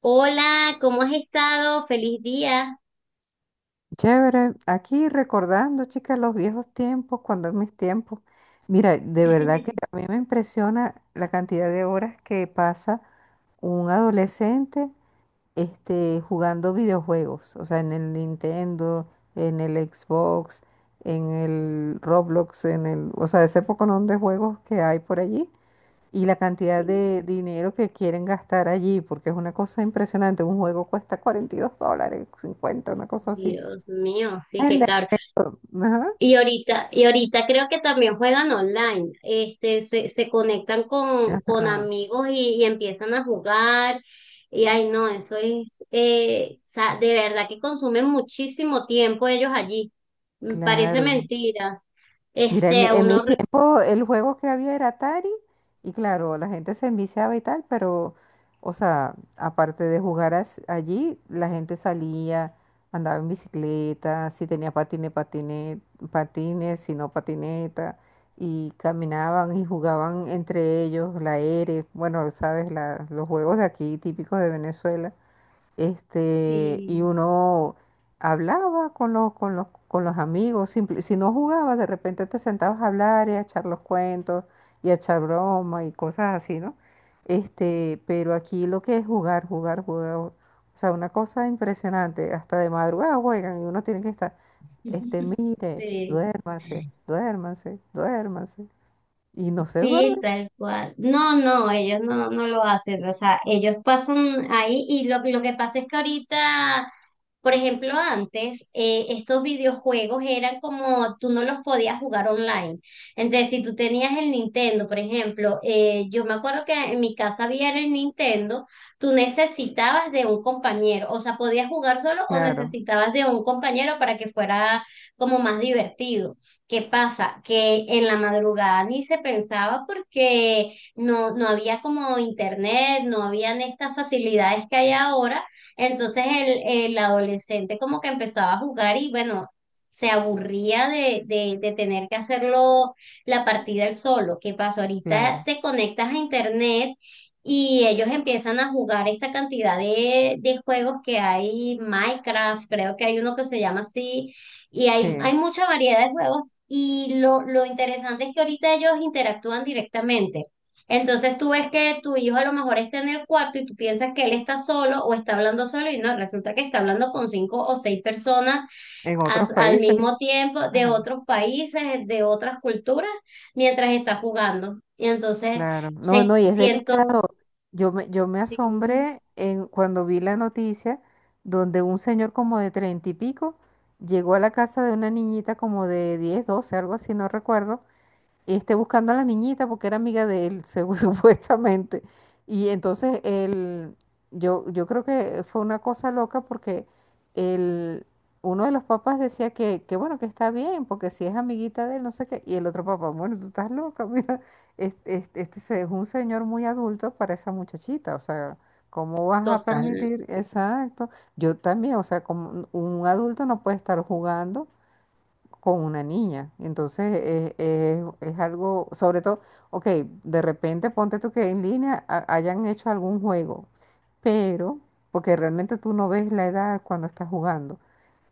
Hola, ¿cómo has estado? Feliz día. Chévere, aquí recordando, chicas, los viejos tiempos, cuando en mis tiempos. Mira, de verdad que a mí me impresiona la cantidad de horas que pasa un adolescente jugando videojuegos, o sea, en el Nintendo, en el Xbox, en el Roblox, en el, o sea, ese poconón de juegos que hay por allí, y la cantidad de dinero que quieren gastar allí, porque es una cosa impresionante. Un juego cuesta $42, 50, una cosa así. Dios mío, sí, qué caro. Ajá, Y ahorita creo que también juegan online. Se conectan con ajá, amigos y empiezan a jugar. Y ay, no, eso es, de verdad que consumen muchísimo tiempo ellos allí. Mm, parece claro. mentira. Mira, en Este, mi, a en mi uno, re- tiempo el juego que había era Atari, y claro, la gente se enviciaba y tal, pero, o sea, aparte de jugar allí, la gente salía, andaba en bicicleta, si tenía patines, patines, si no patineta, y caminaban y jugaban entre ellos, la ere, bueno, sabes, los juegos de aquí típicos de Venezuela. Este, y sí. uno hablaba con los amigos, si no jugabas, de repente te sentabas a hablar y a echar los cuentos y a echar broma y cosas así, ¿no? Este, pero aquí lo que es jugar, jugar, jugar, o sea, una cosa impresionante, hasta de madrugada juegan y uno tiene que estar, mire, Sí. duérmase, duérmase, duérmase, y no se Sí, duerme. tal cual. No, no, ellos no, no lo hacen. O sea, ellos pasan ahí y lo que pasa es que ahorita, por ejemplo, antes, estos videojuegos eran como, tú no los podías jugar online. Entonces, si tú tenías el Nintendo, por ejemplo, yo me acuerdo que en mi casa había el Nintendo, tú necesitabas de un compañero. O sea, podías jugar solo o Claro, necesitabas de un compañero para que fuera como más divertido. ¿Qué pasa? Que en la madrugada ni se pensaba porque no, no había como internet, no habían estas facilidades que hay ahora. Entonces el adolescente como que empezaba a jugar y bueno, se aburría de tener que hacerlo la partida él solo. ¿Qué pasa? Ahorita claro, te conectas a internet y ellos empiezan a jugar esta cantidad de juegos que hay. Minecraft, creo que hay uno que se llama así, y hay sí, mucha variedad de juegos. Y lo interesante es que ahorita ellos interactúan directamente. Entonces tú ves que tu hijo a lo mejor está en el cuarto y tú piensas que él está solo o está hablando solo y no, resulta que está hablando con cinco o seis personas, en otros al países, mismo tiempo, de ajá. otros países, de otras culturas, mientras está jugando. Y entonces Claro, no, no, se y es siento, delicado. Yo me sí, asombré cuando vi la noticia donde un señor como de treinta y pico llegó a la casa de una niñita como de 10, 12, algo así, no recuerdo, esté buscando a la niñita porque era amiga de él, supuestamente. Y entonces él, yo creo que fue una cosa loca porque el uno de los papás decía que bueno, que está bien, porque si es amiguita de él, no sé qué. Y el otro papá, bueno, tú estás loca, mira, este es un señor muy adulto para esa muchachita, o sea, ¿cómo vas a total. permitir? Exacto. Yo también, o sea, como un adulto no puede estar jugando con una niña. Entonces es algo, sobre todo, ok, de repente ponte tú que en línea hayan hecho algún juego, pero porque realmente tú no ves la edad cuando estás jugando,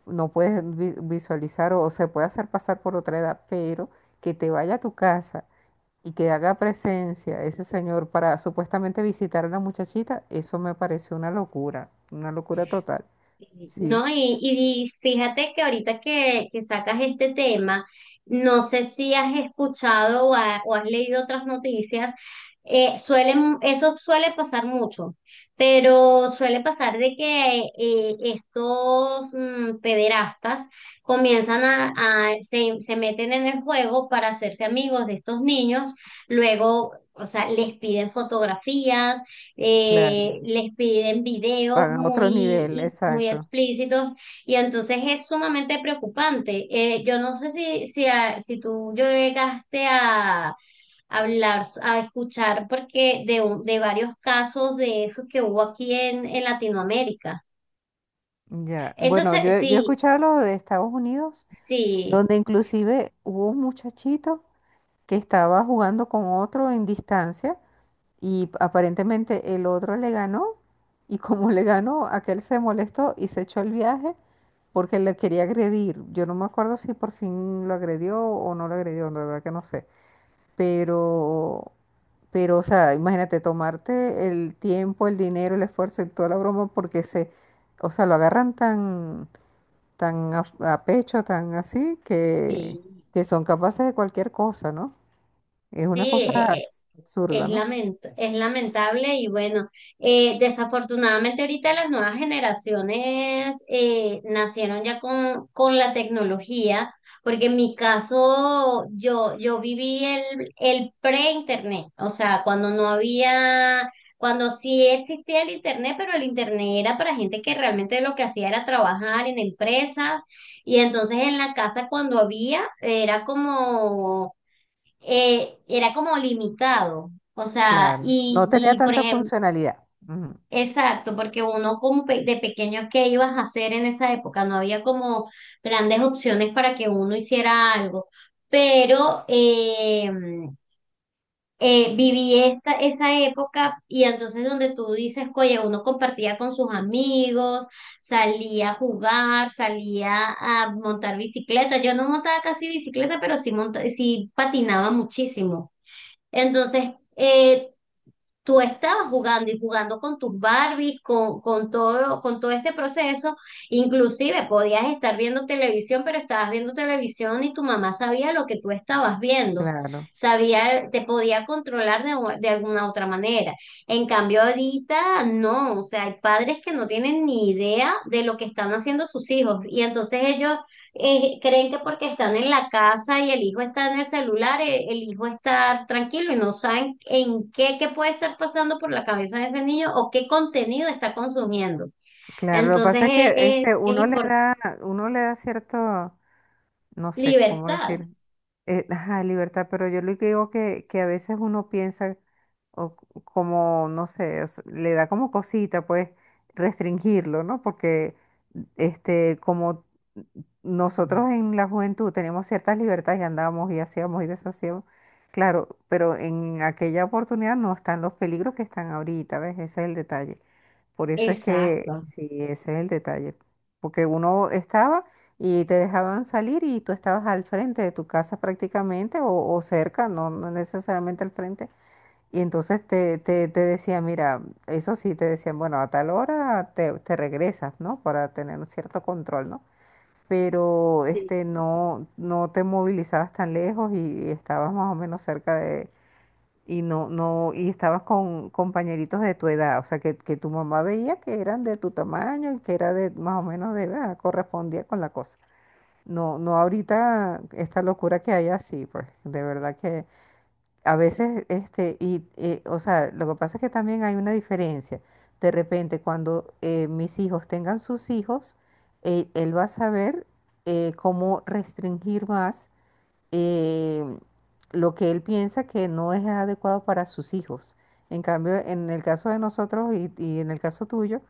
no puedes visualizar o se puede hacer pasar por otra edad, pero que te vaya a tu casa y que haga presencia ese señor para supuestamente visitar a la muchachita, eso me pareció una locura total. Sí, No, y fíjate que ahorita que sacas este tema, no sé si has escuchado o has leído otras noticias. Suelen, eso suele pasar mucho, pero suele pasar de que estos pederastas comienzan se meten en el juego para hacerse amigos de estos niños, luego, o sea, les piden fotografías, claro. Les piden videos Van a otro muy, nivel, y muy exacto. explícitos, y entonces es sumamente preocupante. Yo no sé si tú llegaste a hablar, a escuchar, porque de varios casos de esos que hubo aquí en Latinoamérica. Ya, Eso bueno, se- yo he sí, escuchado lo de Estados Unidos, sí, donde inclusive hubo un muchachito que estaba jugando con otro en distancia, y aparentemente el otro le ganó, y como le ganó, aquel se molestó y se echó el viaje porque le quería agredir. Yo no me acuerdo si por fin lo agredió o no lo agredió, la verdad que no sé. Pero, pero, o sea, imagínate tomarte el tiempo, el dinero, el esfuerzo y toda la broma porque se, o sea, lo agarran tan tan a pecho, tan así, que, sí, que son capaces de cualquier cosa, ¿no? Es una sí. cosa Es absurda, ¿no? lament- es lamentable y bueno, desafortunadamente ahorita las nuevas generaciones nacieron ya con la tecnología, porque en mi caso yo, yo viví el pre-internet. O sea, cuando no había, cuando sí existía el internet, pero el internet era para gente que realmente lo que hacía era trabajar en empresas, y entonces en la casa cuando había era como limitado. O sea, Claro. No tenía y por tanta ejemplo, funcionalidad. Ujú. exacto, porque uno como pe- de pequeño, ¿qué ibas a hacer en esa época? No había como grandes opciones para que uno hiciera algo. Pero viví esta, esa época, y entonces donde tú dices, oye, uno compartía con sus amigos, salía a jugar, salía a montar bicicleta. Yo no montaba casi bicicleta, pero sí, monta sí patinaba muchísimo. Entonces, eh, tú estabas jugando y jugando con tus Barbies, con todo este proceso. Inclusive podías estar viendo televisión, pero estabas viendo televisión y tu mamá sabía lo que tú estabas viendo. Claro, Sabía, te podía controlar de, u- de alguna otra manera. En cambio, ahorita no. O sea, hay padres que no tienen ni idea de lo que están haciendo sus hijos, y entonces ellos creen que porque están en la casa y el hijo está en el celular, e- el hijo está tranquilo, y no saben en qué, qué puede estar pasando por la cabeza de ese niño o qué contenido está consumiendo. claro. Lo que Entonces pasa es que es uno le importante. da, uno le da cierto, no sé cómo Libertad. decir, ajá, libertad, pero yo le digo que a veces uno piensa, o como, no sé, o sea, le da como cosita, pues, restringirlo, ¿no? Porque, como nosotros en la juventud teníamos ciertas libertades y andábamos y hacíamos y deshacíamos, claro, pero en aquella oportunidad no están los peligros que están ahorita, ¿ves? Ese es el detalle. Por eso es que, Exacto. sí, ese es el detalle. Porque uno estaba y te dejaban salir y tú estabas al frente de tu casa prácticamente, o cerca, no, no necesariamente al frente. Y entonces te decían, mira, eso sí, te decían, bueno, a tal hora te regresas, ¿no? Para tener un cierto control, ¿no? Pero no te movilizabas tan lejos, y estabas más o menos cerca de, y no, no, y estabas con compañeritos de tu edad, o sea, que tu mamá veía que eran de tu tamaño y que era de más o menos de edad, correspondía con la cosa. No, no ahorita esta locura que hay así, pues, de verdad que a veces, o sea, lo que pasa es que también hay una diferencia. De repente, cuando mis hijos tengan sus hijos, él va a saber cómo restringir más, eh, lo que él piensa que no es adecuado para sus hijos. En cambio, en el caso de nosotros y en el caso tuyo,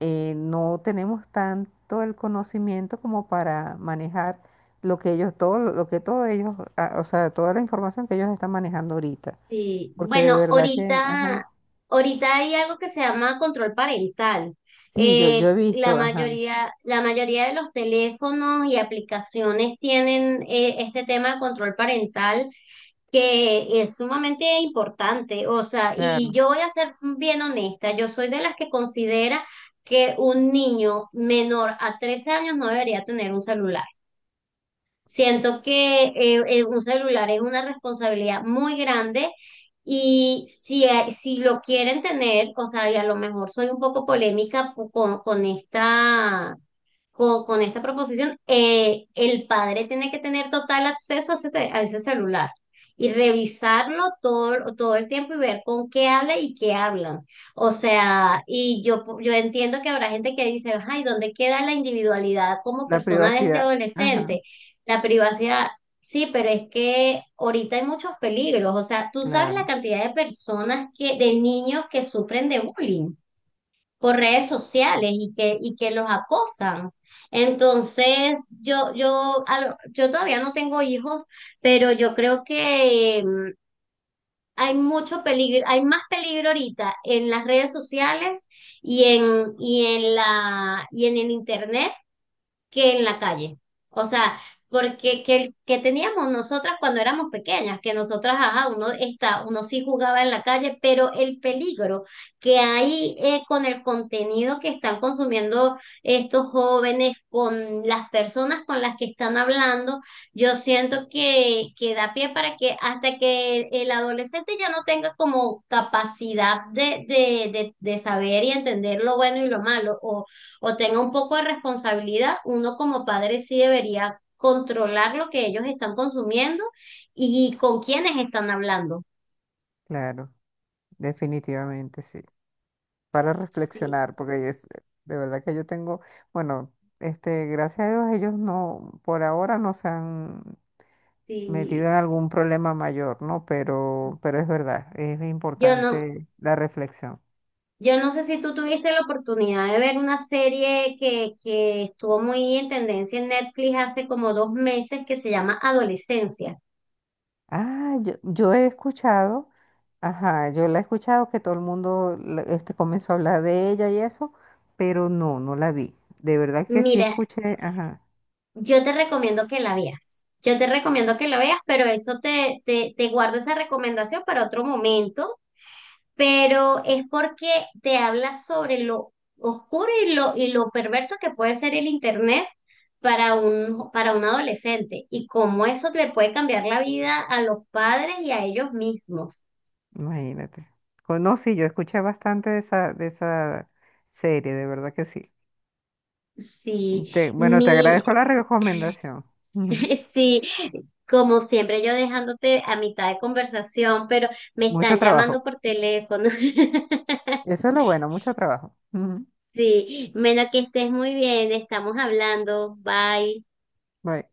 no tenemos tanto el conocimiento como para manejar lo que ellos, todo lo que todos ellos, o sea, toda la información que ellos están manejando ahorita. Sí. Porque de Bueno, verdad que, ajá, ahorita, ahorita hay algo que se llama control parental. sí, yo he visto, ajá, La mayoría de los teléfonos y aplicaciones tienen este tema de control parental, que es sumamente importante. O sea, y claro, yo voy a ser bien honesta, yo soy de las que considera que un niño menor a 13 años no debería tener un celular. Siento que un celular es una responsabilidad muy grande, y si, si lo quieren tener, o sea, y a lo mejor soy un poco polémica con esta, con esta proposición, el padre tiene que tener total acceso a ese, ce- a ese celular, y revisarlo todo, todo el tiempo, y ver con qué habla y qué hablan. O sea, y yo entiendo que habrá gente que dice, ay, ¿dónde queda la individualidad como la persona de este privacidad, ajá, adolescente? La privacidad. Sí, pero es que ahorita hay muchos peligros. O sea, tú sabes la claro, cantidad de personas de niños que sufren de bullying por redes sociales y que los acosan. Entonces, yo todavía no tengo hijos, pero yo creo que mm, hay mucho peligro, hay más peligro ahorita en las redes sociales y en el internet, que en la calle. O sea, porque que teníamos nosotras cuando éramos pequeñas, que nosotras, ajá, uno está, uno sí jugaba en la calle, pero el peligro que hay, con el contenido que están consumiendo estos jóvenes, con las personas con las que están hablando, yo siento que da pie para que hasta que el adolescente ya no tenga como capacidad de saber y entender lo bueno y lo malo, o tenga un poco de responsabilidad, uno como padre sí debería controlar lo que ellos están consumiendo y con quiénes están hablando. claro, definitivamente, sí. Para Sí, reflexionar, porque yo de verdad que yo tengo, bueno, gracias a Dios ellos no, por ahora no se han metido sí. en algún problema mayor, ¿no? Pero es verdad, es Yo no, importante la reflexión. yo no sé si tú tuviste la oportunidad de ver una serie que estuvo muy en tendencia en Netflix hace como 2 meses, que se llama Adolescencia. Ah, yo he escuchado, ajá, yo la he escuchado, que todo el mundo comenzó a hablar de ella y eso, pero no la vi. De verdad que sí Mira, escuché, ajá, yo te recomiendo que la veas. Yo te recomiendo que la veas, pero eso te guardo esa recomendación para otro momento, pero es porque te habla sobre lo oscuro y lo perverso que puede ser el internet para un adolescente, y cómo eso le puede cambiar la vida a los padres y a ellos mismos. imagínate. No, sí, yo escuché bastante de esa serie, de verdad que sí. Sí, Bueno, te mi, agradezco la recomendación. Ujú. sí, como siempre yo dejándote a mitad de conversación, pero me Mucho están trabajo. llamando por teléfono. Eso es lo bueno, mucho trabajo. Ujú. Sí, bueno, que estés muy bien, estamos hablando, bye. Bye.